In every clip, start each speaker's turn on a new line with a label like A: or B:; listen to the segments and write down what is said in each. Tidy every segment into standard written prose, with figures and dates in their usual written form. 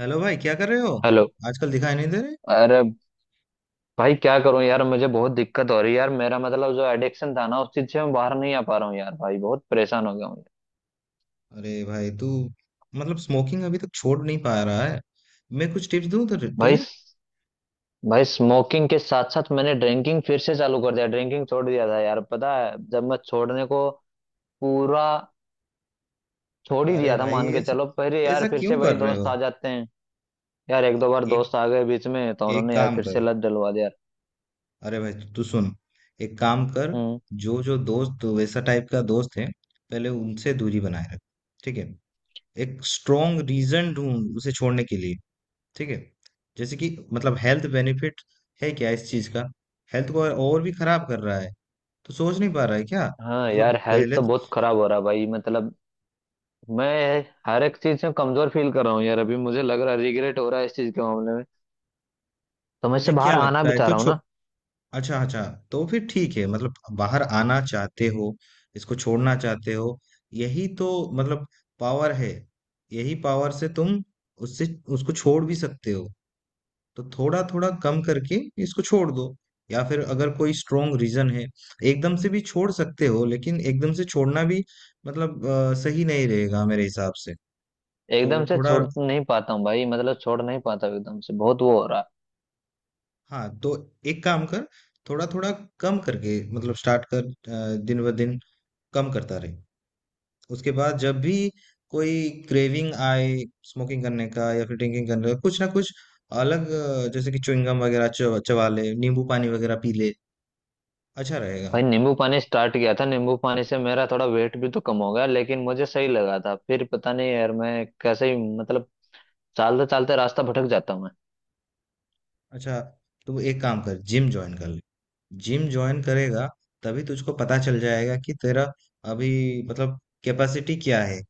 A: Hello भाई क्या कर रहे हो।
B: हेलो।
A: आजकल दिखाई नहीं दे रहे।
B: अरे भाई क्या करूं यार, मुझे बहुत दिक्कत हो रही है यार। मेरा मतलब जो एडिक्शन था ना उस चीज से मैं बाहर नहीं आ पा रहा हूँ यार। भाई बहुत परेशान हो गया हूँ यार।
A: अरे भाई तू मतलब स्मोकिंग अभी तक छोड़ नहीं पा रहा है। मैं कुछ टिप्स दूं तुझे
B: भाई
A: तुझे?
B: भाई स्मोकिंग के साथ साथ मैंने ड्रिंकिंग फिर से चालू कर दिया। ड्रिंकिंग छोड़ दिया था यार, पता है जब मैं छोड़ने को पूरा छोड़ ही
A: अरे
B: दिया था
A: भाई
B: मान के
A: ऐसा
B: चलो, पर यार
A: ऐसा
B: फिर
A: क्यों
B: से भाई
A: कर रहे
B: दोस्त
A: हो।
B: आ जाते हैं। यार एक दो बार
A: एक
B: दोस्त आ गए बीच में तो
A: एक
B: उन्होंने यार
A: काम
B: फिर
A: कर।
B: से लत डलवा दिया यार।
A: अरे भाई तू सुन। एक काम कर।
B: हम्म।
A: जो जो दोस्त तो वैसा टाइप का दोस्त है पहले उनसे दूरी बनाए रख। ठीक है। एक स्ट्रॉन्ग रीजन ढूंढ उसे छोड़ने के लिए। ठीक है। जैसे कि मतलब हेल्थ बेनिफिट है क्या इस चीज का। हेल्थ को और भी खराब कर रहा है तो सोच नहीं पा रहा है क्या।
B: हाँ
A: मतलब
B: यार हेल्थ तो बहुत खराब हो रहा है भाई, मतलब मैं हर एक चीज में कमजोर फील कर रहा हूँ यार। अभी मुझे लग रहा है रिग्रेट हो रहा है इस चीज के मामले में, तो मैं
A: तुझे
B: इससे
A: क्या
B: बाहर आना
A: लगता
B: भी
A: है
B: चाह
A: तो
B: रहा हूँ
A: छो
B: ना।
A: अच्छा अच्छा। तो फिर ठीक है मतलब बाहर आना चाहते हो इसको छोड़ना चाहते हो। यही तो मतलब पावर है। यही पावर से तुम उससे उसको छोड़ भी सकते हो। तो थोड़ा थोड़ा कम करके इसको छोड़ दो। या फिर अगर कोई स्ट्रोंग रीजन है एकदम से भी छोड़ सकते हो लेकिन एकदम से छोड़ना भी मतलब सही नहीं रहेगा मेरे हिसाब से।
B: एकदम
A: तो
B: से
A: थोड़ा
B: छोड़ नहीं पाता हूँ भाई, मतलब छोड़ नहीं पाता हूँ एकदम से, बहुत वो हो रहा है।
A: हाँ, तो एक काम कर। थोड़ा थोड़ा कम करके मतलब स्टार्ट कर दिन ब दिन कम करता रहे। उसके बाद जब भी कोई क्रेविंग आए स्मोकिंग करने का या फिर ड्रिंकिंग करने का कुछ ना कुछ अलग जैसे कि च्युइंगम वगैरह चबा चबा ले नींबू पानी वगैरह पी ले। अच्छा रहेगा।
B: भाई नींबू पानी स्टार्ट किया था, नींबू पानी से मेरा थोड़ा वेट भी तो कम हो गया, लेकिन मुझे सही लगा था। फिर पता नहीं यार, मैं कैसे ही मतलब चलते चलते रास्ता भटक जाता हूँ मैं।
A: अच्छा तू एक काम कर जिम ज्वाइन कर ले। जिम ज्वाइन करेगा तभी तुझको पता चल जाएगा कि तेरा अभी मतलब कैपेसिटी क्या है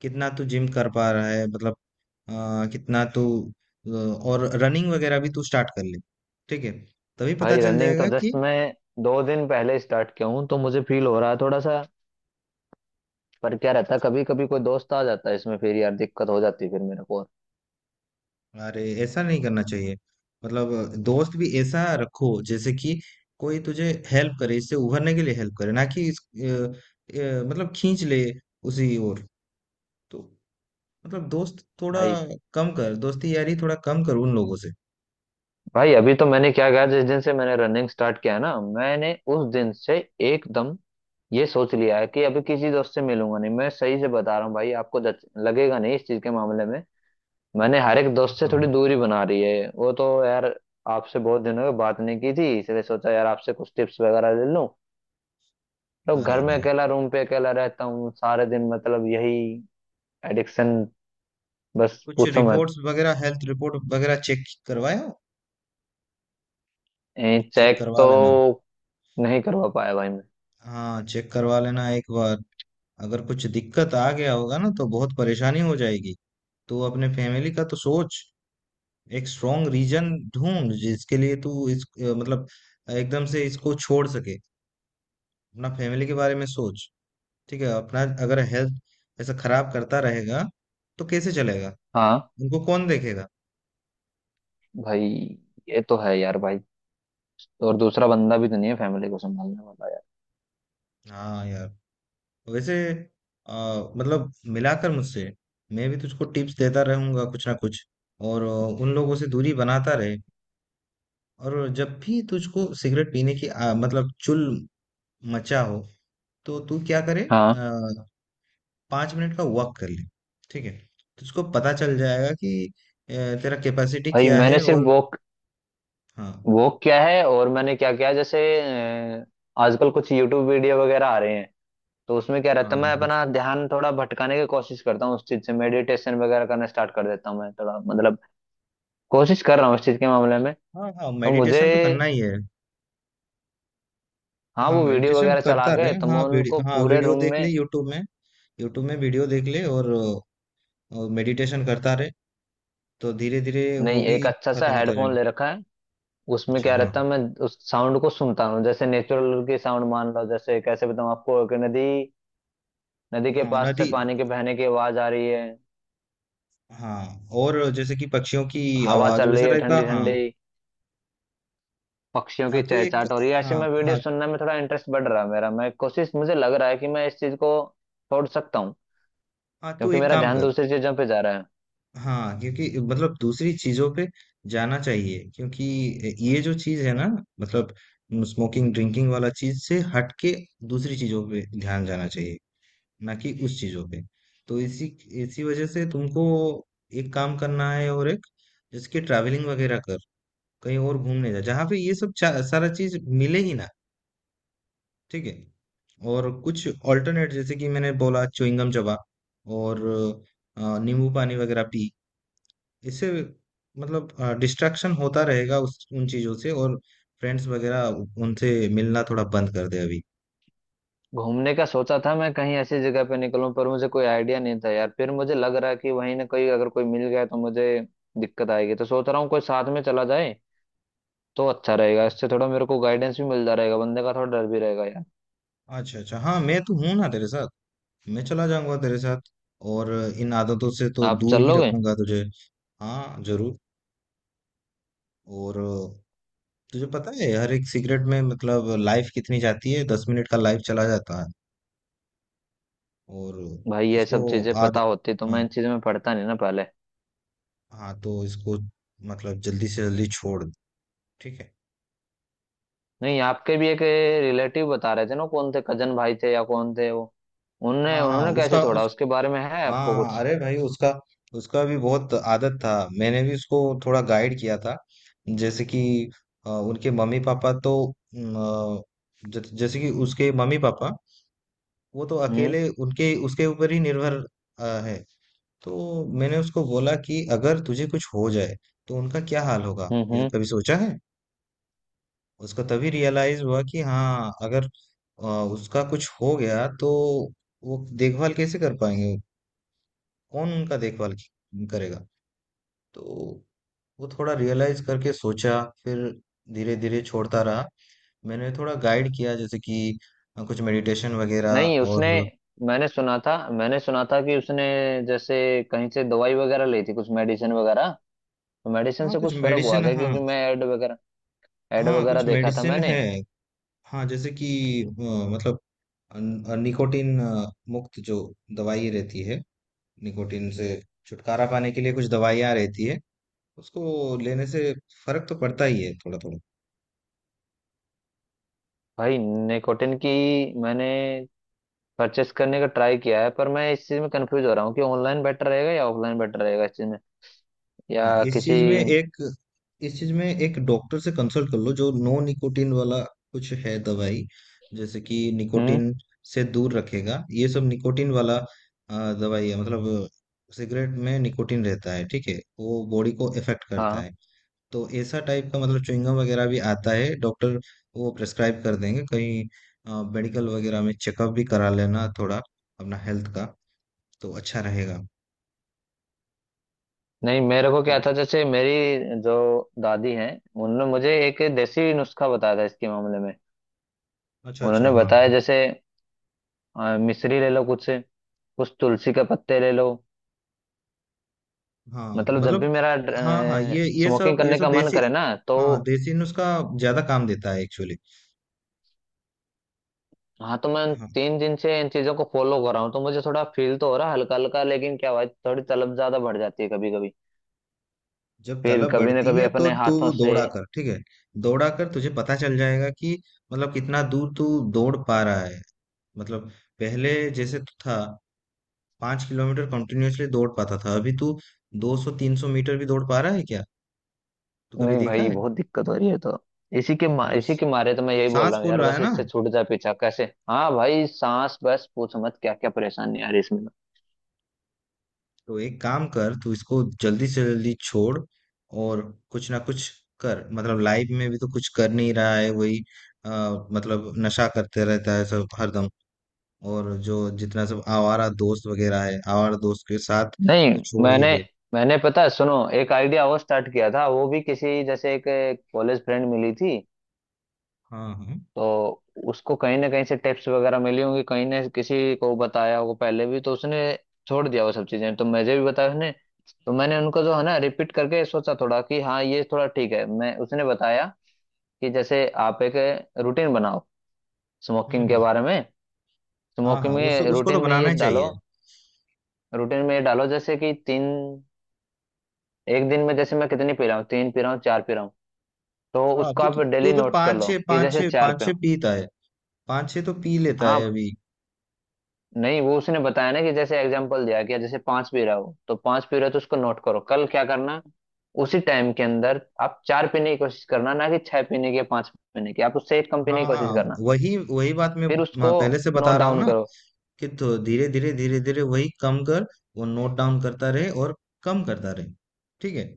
A: कितना तू जिम कर पा रहा है मतलब अ, कितना तू और रनिंग वगैरह भी तू स्टार्ट कर ले। ठीक है। तभी पता
B: भाई
A: चल
B: रनिंग तो
A: जाएगा कि
B: जस्ट मैं 2 दिन पहले स्टार्ट किया हूँ, तो मुझे फील हो रहा है थोड़ा सा। पर क्या रहता है, कभी कभी कोई दोस्त आ जाता है इसमें, फिर यार दिक्कत हो जाती है फिर मेरे को और।
A: अरे ऐसा नहीं करना चाहिए। मतलब दोस्त भी ऐसा रखो जैसे कि कोई तुझे हेल्प करे इससे उभरने के लिए हेल्प करे ना कि मतलब खींच ले उसी ओर। तो मतलब दोस्त थोड़ा
B: भाई
A: कम कर दोस्ती यारी थोड़ा कम कर उन लोगों से।
B: भाई अभी तो मैंने क्या कहा, जिस दिन से मैंने रनिंग स्टार्ट किया है ना, मैंने उस दिन से एकदम ये सोच लिया है कि अभी किसी दोस्त से मिलूंगा नहीं। मैं सही से बता रहा हूँ भाई आपको, लगेगा नहीं इस चीज के मामले में। मैंने हर एक दोस्त से
A: हाँ।
B: थोड़ी दूरी बना रही है वो तो यार। आपसे बहुत दिनों की बात नहीं की थी, इसलिए सोचा यार आपसे कुछ टिप्स वगैरह ले लूं। तो
A: अरे
B: घर में
A: भाई
B: अकेला, रूम पे अकेला रहता हूँ सारे दिन, मतलब यही एडिक्शन, बस
A: कुछ
B: पूछो मत।
A: रिपोर्ट्स वगैरह हेल्थ रिपोर्ट वगैरह चेक करवाया? चेक
B: चेक
A: करवा
B: तो
A: लेना।
B: नहीं करवा पाया भाई मैं।
A: हाँ चेक करवा लेना एक बार। अगर कुछ दिक्कत आ गया होगा ना तो बहुत परेशानी हो जाएगी। तो अपने फैमिली का तो सोच। एक स्ट्रॉन्ग रीजन ढूंढ जिसके लिए तू इस मतलब एकदम से इसको छोड़ सके। अपना फैमिली के बारे में सोच। ठीक है। अपना अगर हेल्थ ऐसा खराब करता रहेगा तो कैसे चलेगा।
B: हाँ
A: उनको कौन देखेगा।
B: भाई, ये तो है यार भाई। और दूसरा बंदा भी तो नहीं है फैमिली को संभालने वाला यार।
A: हाँ यार। वैसे अ, मतलब मिलाकर मुझसे मैं भी तुझको टिप्स देता रहूंगा कुछ ना कुछ। और उन लोगों से दूरी बनाता रहे। और जब भी तुझको सिगरेट पीने की मतलब चुल मचा हो तो तू क्या करे।
B: हाँ।
A: आ, 5 मिनट का वॉक कर ले। ठीक है। तुझको पता चल जाएगा कि अ, तेरा कैपेसिटी
B: भाई
A: क्या
B: मैंने
A: है।
B: सिर्फ
A: और
B: वॉक
A: हाँ
B: वॉक किया है, और मैंने क्या किया, जैसे अ, आजकल कुछ यूट्यूब वीडियो वगैरह आ रहे हैं, तो उसमें क्या रहता है,
A: हाँ
B: मैं
A: कुछ
B: अपना ध्यान थोड़ा भटकाने की कोशिश करता हूँ उस चीज से। मेडिटेशन वगैरह करना स्टार्ट कर देता हूँ मैं थोड़ा, मतलब कोशिश कर रहा हूँ इस चीज के मामले में,
A: हाँ हाँ
B: तो मुझे।
A: मेडिटेशन तो करना ही है।
B: हाँ,
A: हाँ
B: वो वीडियो
A: मेडिटेशन
B: वगैरह चला
A: करता रहे,
B: के तो मैं
A: हाँ
B: उनको
A: वीडियो, हाँ
B: पूरे
A: वीडियो
B: रूम
A: देख ले
B: में।
A: यूट्यूब में। यूट्यूब में वीडियो देख ले, और मेडिटेशन करता रहे। तो धीरे धीरे वो
B: नहीं, एक
A: भी
B: अच्छा सा
A: खत्म होता
B: हेडफोन
A: जाएगा।
B: ले रखा है, उसमें
A: अच्छा।
B: क्या
A: हाँ
B: रहता है मैं उस साउंड को सुनता हूँ, जैसे नेचुरल की साउंड मान लो। जैसे कैसे बताऊँ आपको कि नदी नदी के
A: हाँ
B: पास से
A: नदी।
B: पानी के बहने की आवाज आ रही है,
A: हाँ और जैसे कि पक्षियों की
B: हवा
A: आवाज
B: चल
A: वैसा
B: रही है
A: टाइप का,
B: ठंडी
A: हाँ।
B: ठंडी, पक्षियों
A: हाँ,
B: की
A: तू एक
B: चहचहाट हो रही है। ऐसे
A: हाँ
B: में वीडियो
A: हाँ।
B: सुनने में थोड़ा इंटरेस्ट बढ़ रहा है मेरा। मैं कोशिश, मुझे लग रहा है कि मैं इस चीज को छोड़ सकता हूँ,
A: हाँ तू
B: क्योंकि
A: एक
B: मेरा
A: काम
B: ध्यान
A: कर।
B: दूसरी चीजों पे जा रहा है।
A: हाँ क्योंकि मतलब दूसरी चीजों पे जाना चाहिए क्योंकि ये जो चीज है ना मतलब स्मोकिंग ड्रिंकिंग वाला चीज से हट के दूसरी चीजों पे ध्यान जाना चाहिए, ना कि उस चीजों पे। तो इसी इसी वजह से तुमको एक काम करना है। और एक जैसे कि ट्रैवलिंग वगैरह कर कहीं और घूमने जा जहाँ पे ये सब सारा चीज मिले ही ना। ठीक है। और कुछ ऑल्टरनेट जैसे कि मैंने बोला च्युइंगम चबा। और नींबू पानी वगैरह पी। इससे मतलब डिस्ट्रैक्शन होता रहेगा उस उन चीज़ों से। और फ्रेंड्स वगैरह उनसे मिलना थोड़ा बंद कर दे अभी।
B: घूमने का सोचा था मैं, कहीं ऐसी जगह पे निकलूं, पर मुझे कोई आइडिया नहीं था यार। फिर मुझे लग रहा है कि वहीं ना कोई, अगर कोई मिल गया तो मुझे दिक्कत आएगी, तो सोच रहा हूँ कोई साथ में चला जाए तो अच्छा रहेगा, इससे थोड़ा मेरे को गाइडेंस भी मिलता रहेगा, बंदे का थोड़ा डर भी रहेगा यार।
A: अच्छा अच्छा, हाँ मैं तो हूँ ना तेरे साथ। मैं चला जाऊंगा तेरे साथ। और इन आदतों से तो
B: आप
A: दूर
B: चल
A: ही
B: लोगे?
A: रखूंगा तुझे। हाँ जरूर। और तुझे पता है हर एक सिगरेट में मतलब लाइफ कितनी जाती है। 10 मिनट का लाइफ चला जाता है। और
B: भाई ये
A: इसको
B: सब चीजें
A: आद
B: पता होती तो
A: हाँ
B: मैं इन चीजों में पढ़ता नहीं ना पहले।
A: हाँ, तो इसको मतलब जल्दी से जल्दी छोड़ दे, ठीक है।
B: नहीं, आपके भी एक रिलेटिव बता रहे थे ना, कौन थे, कजन भाई थे या कौन थे वो, उनने
A: हाँ हाँ
B: उन्होंने कैसे
A: उसका
B: छोड़ा
A: उस
B: उसके बारे में है
A: हाँ
B: आपको
A: हाँ,
B: कुछ?
A: अरे भाई उसका उसका भी बहुत आदत था। मैंने भी उसको थोड़ा गाइड किया था। जैसे कि उनके मम्मी पापा तो न, जैसे कि उसके मम्मी पापा वो तो
B: हम्म
A: अकेले उनके उसके ऊपर ही निर्भर है। तो मैंने उसको बोला कि अगर तुझे कुछ हो जाए तो उनका क्या हाल होगा,
B: हम्म
A: ये
B: हम्म।
A: कभी सोचा है। उसको तभी रियलाइज हुआ कि हाँ, अगर अ, उसका कुछ हो गया तो वो देखभाल कैसे कर पाएंगे। कौन उनका देखभाल करेगा। तो वो थोड़ा रियलाइज करके सोचा फिर धीरे धीरे छोड़ता रहा। मैंने थोड़ा गाइड किया जैसे कि कुछ मेडिटेशन वगैरह।
B: नहीं उसने,
A: और
B: मैंने सुना था कि उसने जैसे कहीं से दवाई वगैरह ली थी, कुछ मेडिसिन वगैरह। तो मेडिसिन
A: हाँ
B: से
A: कुछ
B: कुछ फर्क हुआ
A: मेडिसिन।
B: क्या,
A: हाँ
B: क्योंकि मैं एड वगैरह एड
A: हाँ
B: वगैरह
A: कुछ
B: देखा था
A: मेडिसिन
B: मैंने।
A: है। हाँ जैसे कि अ, मतलब निकोटिन मुक्त जो दवाई रहती है। निकोटीन से छुटकारा पाने के लिए कुछ दवाइयाँ रहती है। उसको लेने से फर्क तो पड़ता ही है थोड़ा थोड़ा।
B: भाई निकोटिन की मैंने परचेस करने का ट्राई किया है, पर मैं इस चीज में कंफ्यूज हो रहा हूँ कि ऑनलाइन बेटर रहेगा या ऑफलाइन बेटर रहेगा इस चीज में,
A: हाँ
B: या किसी।
A: इस चीज में एक डॉक्टर से कंसल्ट कर लो जो नो निकोटीन वाला कुछ है दवाई। जैसे कि
B: हम्म।
A: निकोटीन से दूर रखेगा, ये सब निकोटीन वाला दवाई है। मतलब सिगरेट में निकोटीन रहता है, ठीक है, वो बॉडी को इफेक्ट करता
B: हाँ।
A: है। तो ऐसा टाइप का मतलब च्युइंगम वगैरह भी आता है, डॉक्टर वो प्रिस्क्राइब कर देंगे कहीं। मेडिकल वगैरह में चेकअप भी करा लेना थोड़ा अपना हेल्थ का। तो अच्छा रहेगा।
B: नहीं मेरे को क्या
A: तो-
B: था, जैसे मेरी जो दादी हैं, उन्होंने मुझे एक देसी नुस्खा बताया था इसके मामले में।
A: अच्छा अच्छा,
B: उन्होंने
A: हाँ
B: बताया जैसे मिश्री ले लो कुछ से, कुछ तुलसी के पत्ते ले लो,
A: हाँ
B: मतलब जब
A: मतलब,
B: भी मेरा
A: हाँ हाँ
B: स्मोकिंग
A: ये
B: करने
A: सब
B: का मन
A: देसी।
B: करे ना तो।
A: हाँ देसी नुस्खा ज्यादा काम देता है एक्चुअली।
B: हाँ, तो मैं उन
A: हाँ,
B: 3 दिन से इन चीजों को फॉलो कर रहा हूँ, तो मुझे थोड़ा फील तो हो रहा है हल्का हल्का, लेकिन क्या भाई थोड़ी तलब ज्यादा बढ़ जाती है कभी कभी।
A: जब
B: फिर
A: तलब
B: कभी ना
A: बढ़ती
B: कभी
A: है तो
B: अपने
A: तू
B: हाथों से।
A: दौड़ा कर। ठीक है। दौड़ा कर तुझे पता चल जाएगा कि मतलब कितना दूर तू दौड़ पा रहा है मतलब। पहले जैसे तू था 5 किलोमीटर कंटिन्यूअसली दौड़ पाता था। अभी तू 200-300 मीटर भी दौड़ पा रहा है क्या। तू कभी
B: नहीं
A: देखा
B: भाई
A: है?
B: बहुत दिक्कत हो रही है, तो
A: मतलब
B: इसी के मारे तो मैं यही बोल
A: सांस
B: रहा हूँ
A: फूल
B: यार,
A: रहा है
B: बस
A: ना।
B: इससे छूट जाए पीछा कैसे। हाँ भाई, सांस बस पूछ मत, क्या क्या परेशानी आ रही है इसमें तो।
A: तो एक काम कर तू इसको जल्दी से जल्दी छोड़। और कुछ ना कुछ कर मतलब लाइफ में भी तो कुछ कर नहीं रहा है वही अ, मतलब नशा करते रहता है सब हरदम। और जो जितना सब आवारा दोस्त वगैरह है आवारा दोस्त के साथ
B: नहीं
A: तो छोड़ ही
B: मैंने
A: दे।
B: मैंने पता है, सुनो, एक आइडिया और स्टार्ट किया था वो भी, किसी जैसे एक कॉलेज फ्रेंड मिली थी।
A: हाँ हाँ
B: तो उसको कहीं ना कहीं से टिप्स वगैरह मिली होंगी, कहीं ने किसी को बताया होगा पहले भी, तो उसने छोड़ दिया वो सब चीजें, तो मुझे भी बताया उसने। तो मैंने उनको जो है ना रिपीट करके सोचा थोड़ा कि हाँ ये थोड़ा ठीक है, मैं, उसने बताया कि जैसे आप एक रूटीन बनाओ
A: हम्म
B: स्मोकिंग के
A: हम्म,
B: बारे में।
A: हाँ
B: स्मोकिंग
A: हाँ
B: में
A: उसको
B: रूटीन
A: तो
B: में
A: बनाना
B: ये
A: ही
B: डालो,
A: चाहिए।
B: रूटीन में ये डालो, जैसे कि तीन, एक दिन में जैसे मैं कितनी पी रहा हूँ, तीन पी रहा हूँ, चार पी रहा हूँ, तो
A: हाँ,
B: उसको
A: तू
B: आप
A: तो तू
B: डेली
A: तो
B: नोट्स कर
A: पाँच
B: लो
A: छः
B: कि
A: पाँच
B: जैसे
A: छः
B: चार
A: पाँच
B: पे
A: छः
B: हो।
A: पीता है। पाँच छः तो पी लेता
B: हाँ।
A: है अभी।
B: नहीं, वो उसने बताया ना कि जैसे एग्जांपल दिया कि जैसे पांच पीरा हो तो पांच पीरा तो उसको नोट करो, कल क्या करना, उसी टाइम के अंदर आप चार पीने की कोशिश करना, ना कि छह पीने की या पांच पीने की, आप उससे एक कम
A: हाँ
B: पीने की कोशिश
A: हाँ
B: करना,
A: वही वही बात मैं
B: फिर
A: मैं
B: उसको
A: पहले से बता
B: नोट
A: रहा हूँ
B: डाउन
A: ना
B: करो।
A: कि। तो धीरे धीरे धीरे धीरे वही कम कर। वो नोट डाउन करता रहे और कम करता रहे। ठीक है।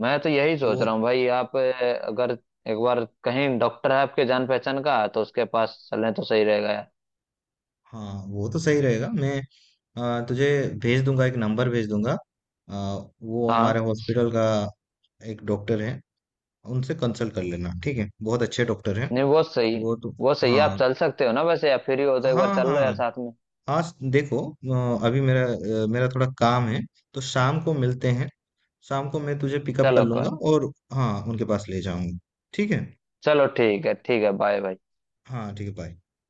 B: मैं तो यही सोच
A: वो,
B: रहा हूँ भाई, आप अगर एक बार कहीं डॉक्टर है आपके जान पहचान का, तो उसके पास चलें तो सही रहेगा यार।
A: हाँ वो तो सही रहेगा। मैं तुझे भेज दूंगा, एक नंबर भेज दूंगा। आ, वो
B: हाँ।
A: हमारे हॉस्पिटल का एक डॉक्टर है। उनसे कंसल्ट कर लेना, ठीक है, बहुत अच्छे डॉक्टर हैं।
B: नहीं वो सही,
A: वो तो
B: वो सही है। आप
A: हाँ
B: चल सकते हो ना, वैसे आप फ्री हो तो एक बार
A: हाँ
B: चल लो
A: हाँ
B: यार साथ में।
A: हाँ देखो अभी मेरा थोड़ा काम है। तो शाम को मिलते हैं। शाम को मैं तुझे पिकअप कर
B: चलो कोई
A: लूंगा
B: नहीं।
A: और हाँ उनके पास ले जाऊंगा। ठीक है।
B: चलो ठीक है ठीक है, बाय बाय।
A: हाँ ठीक है बाय।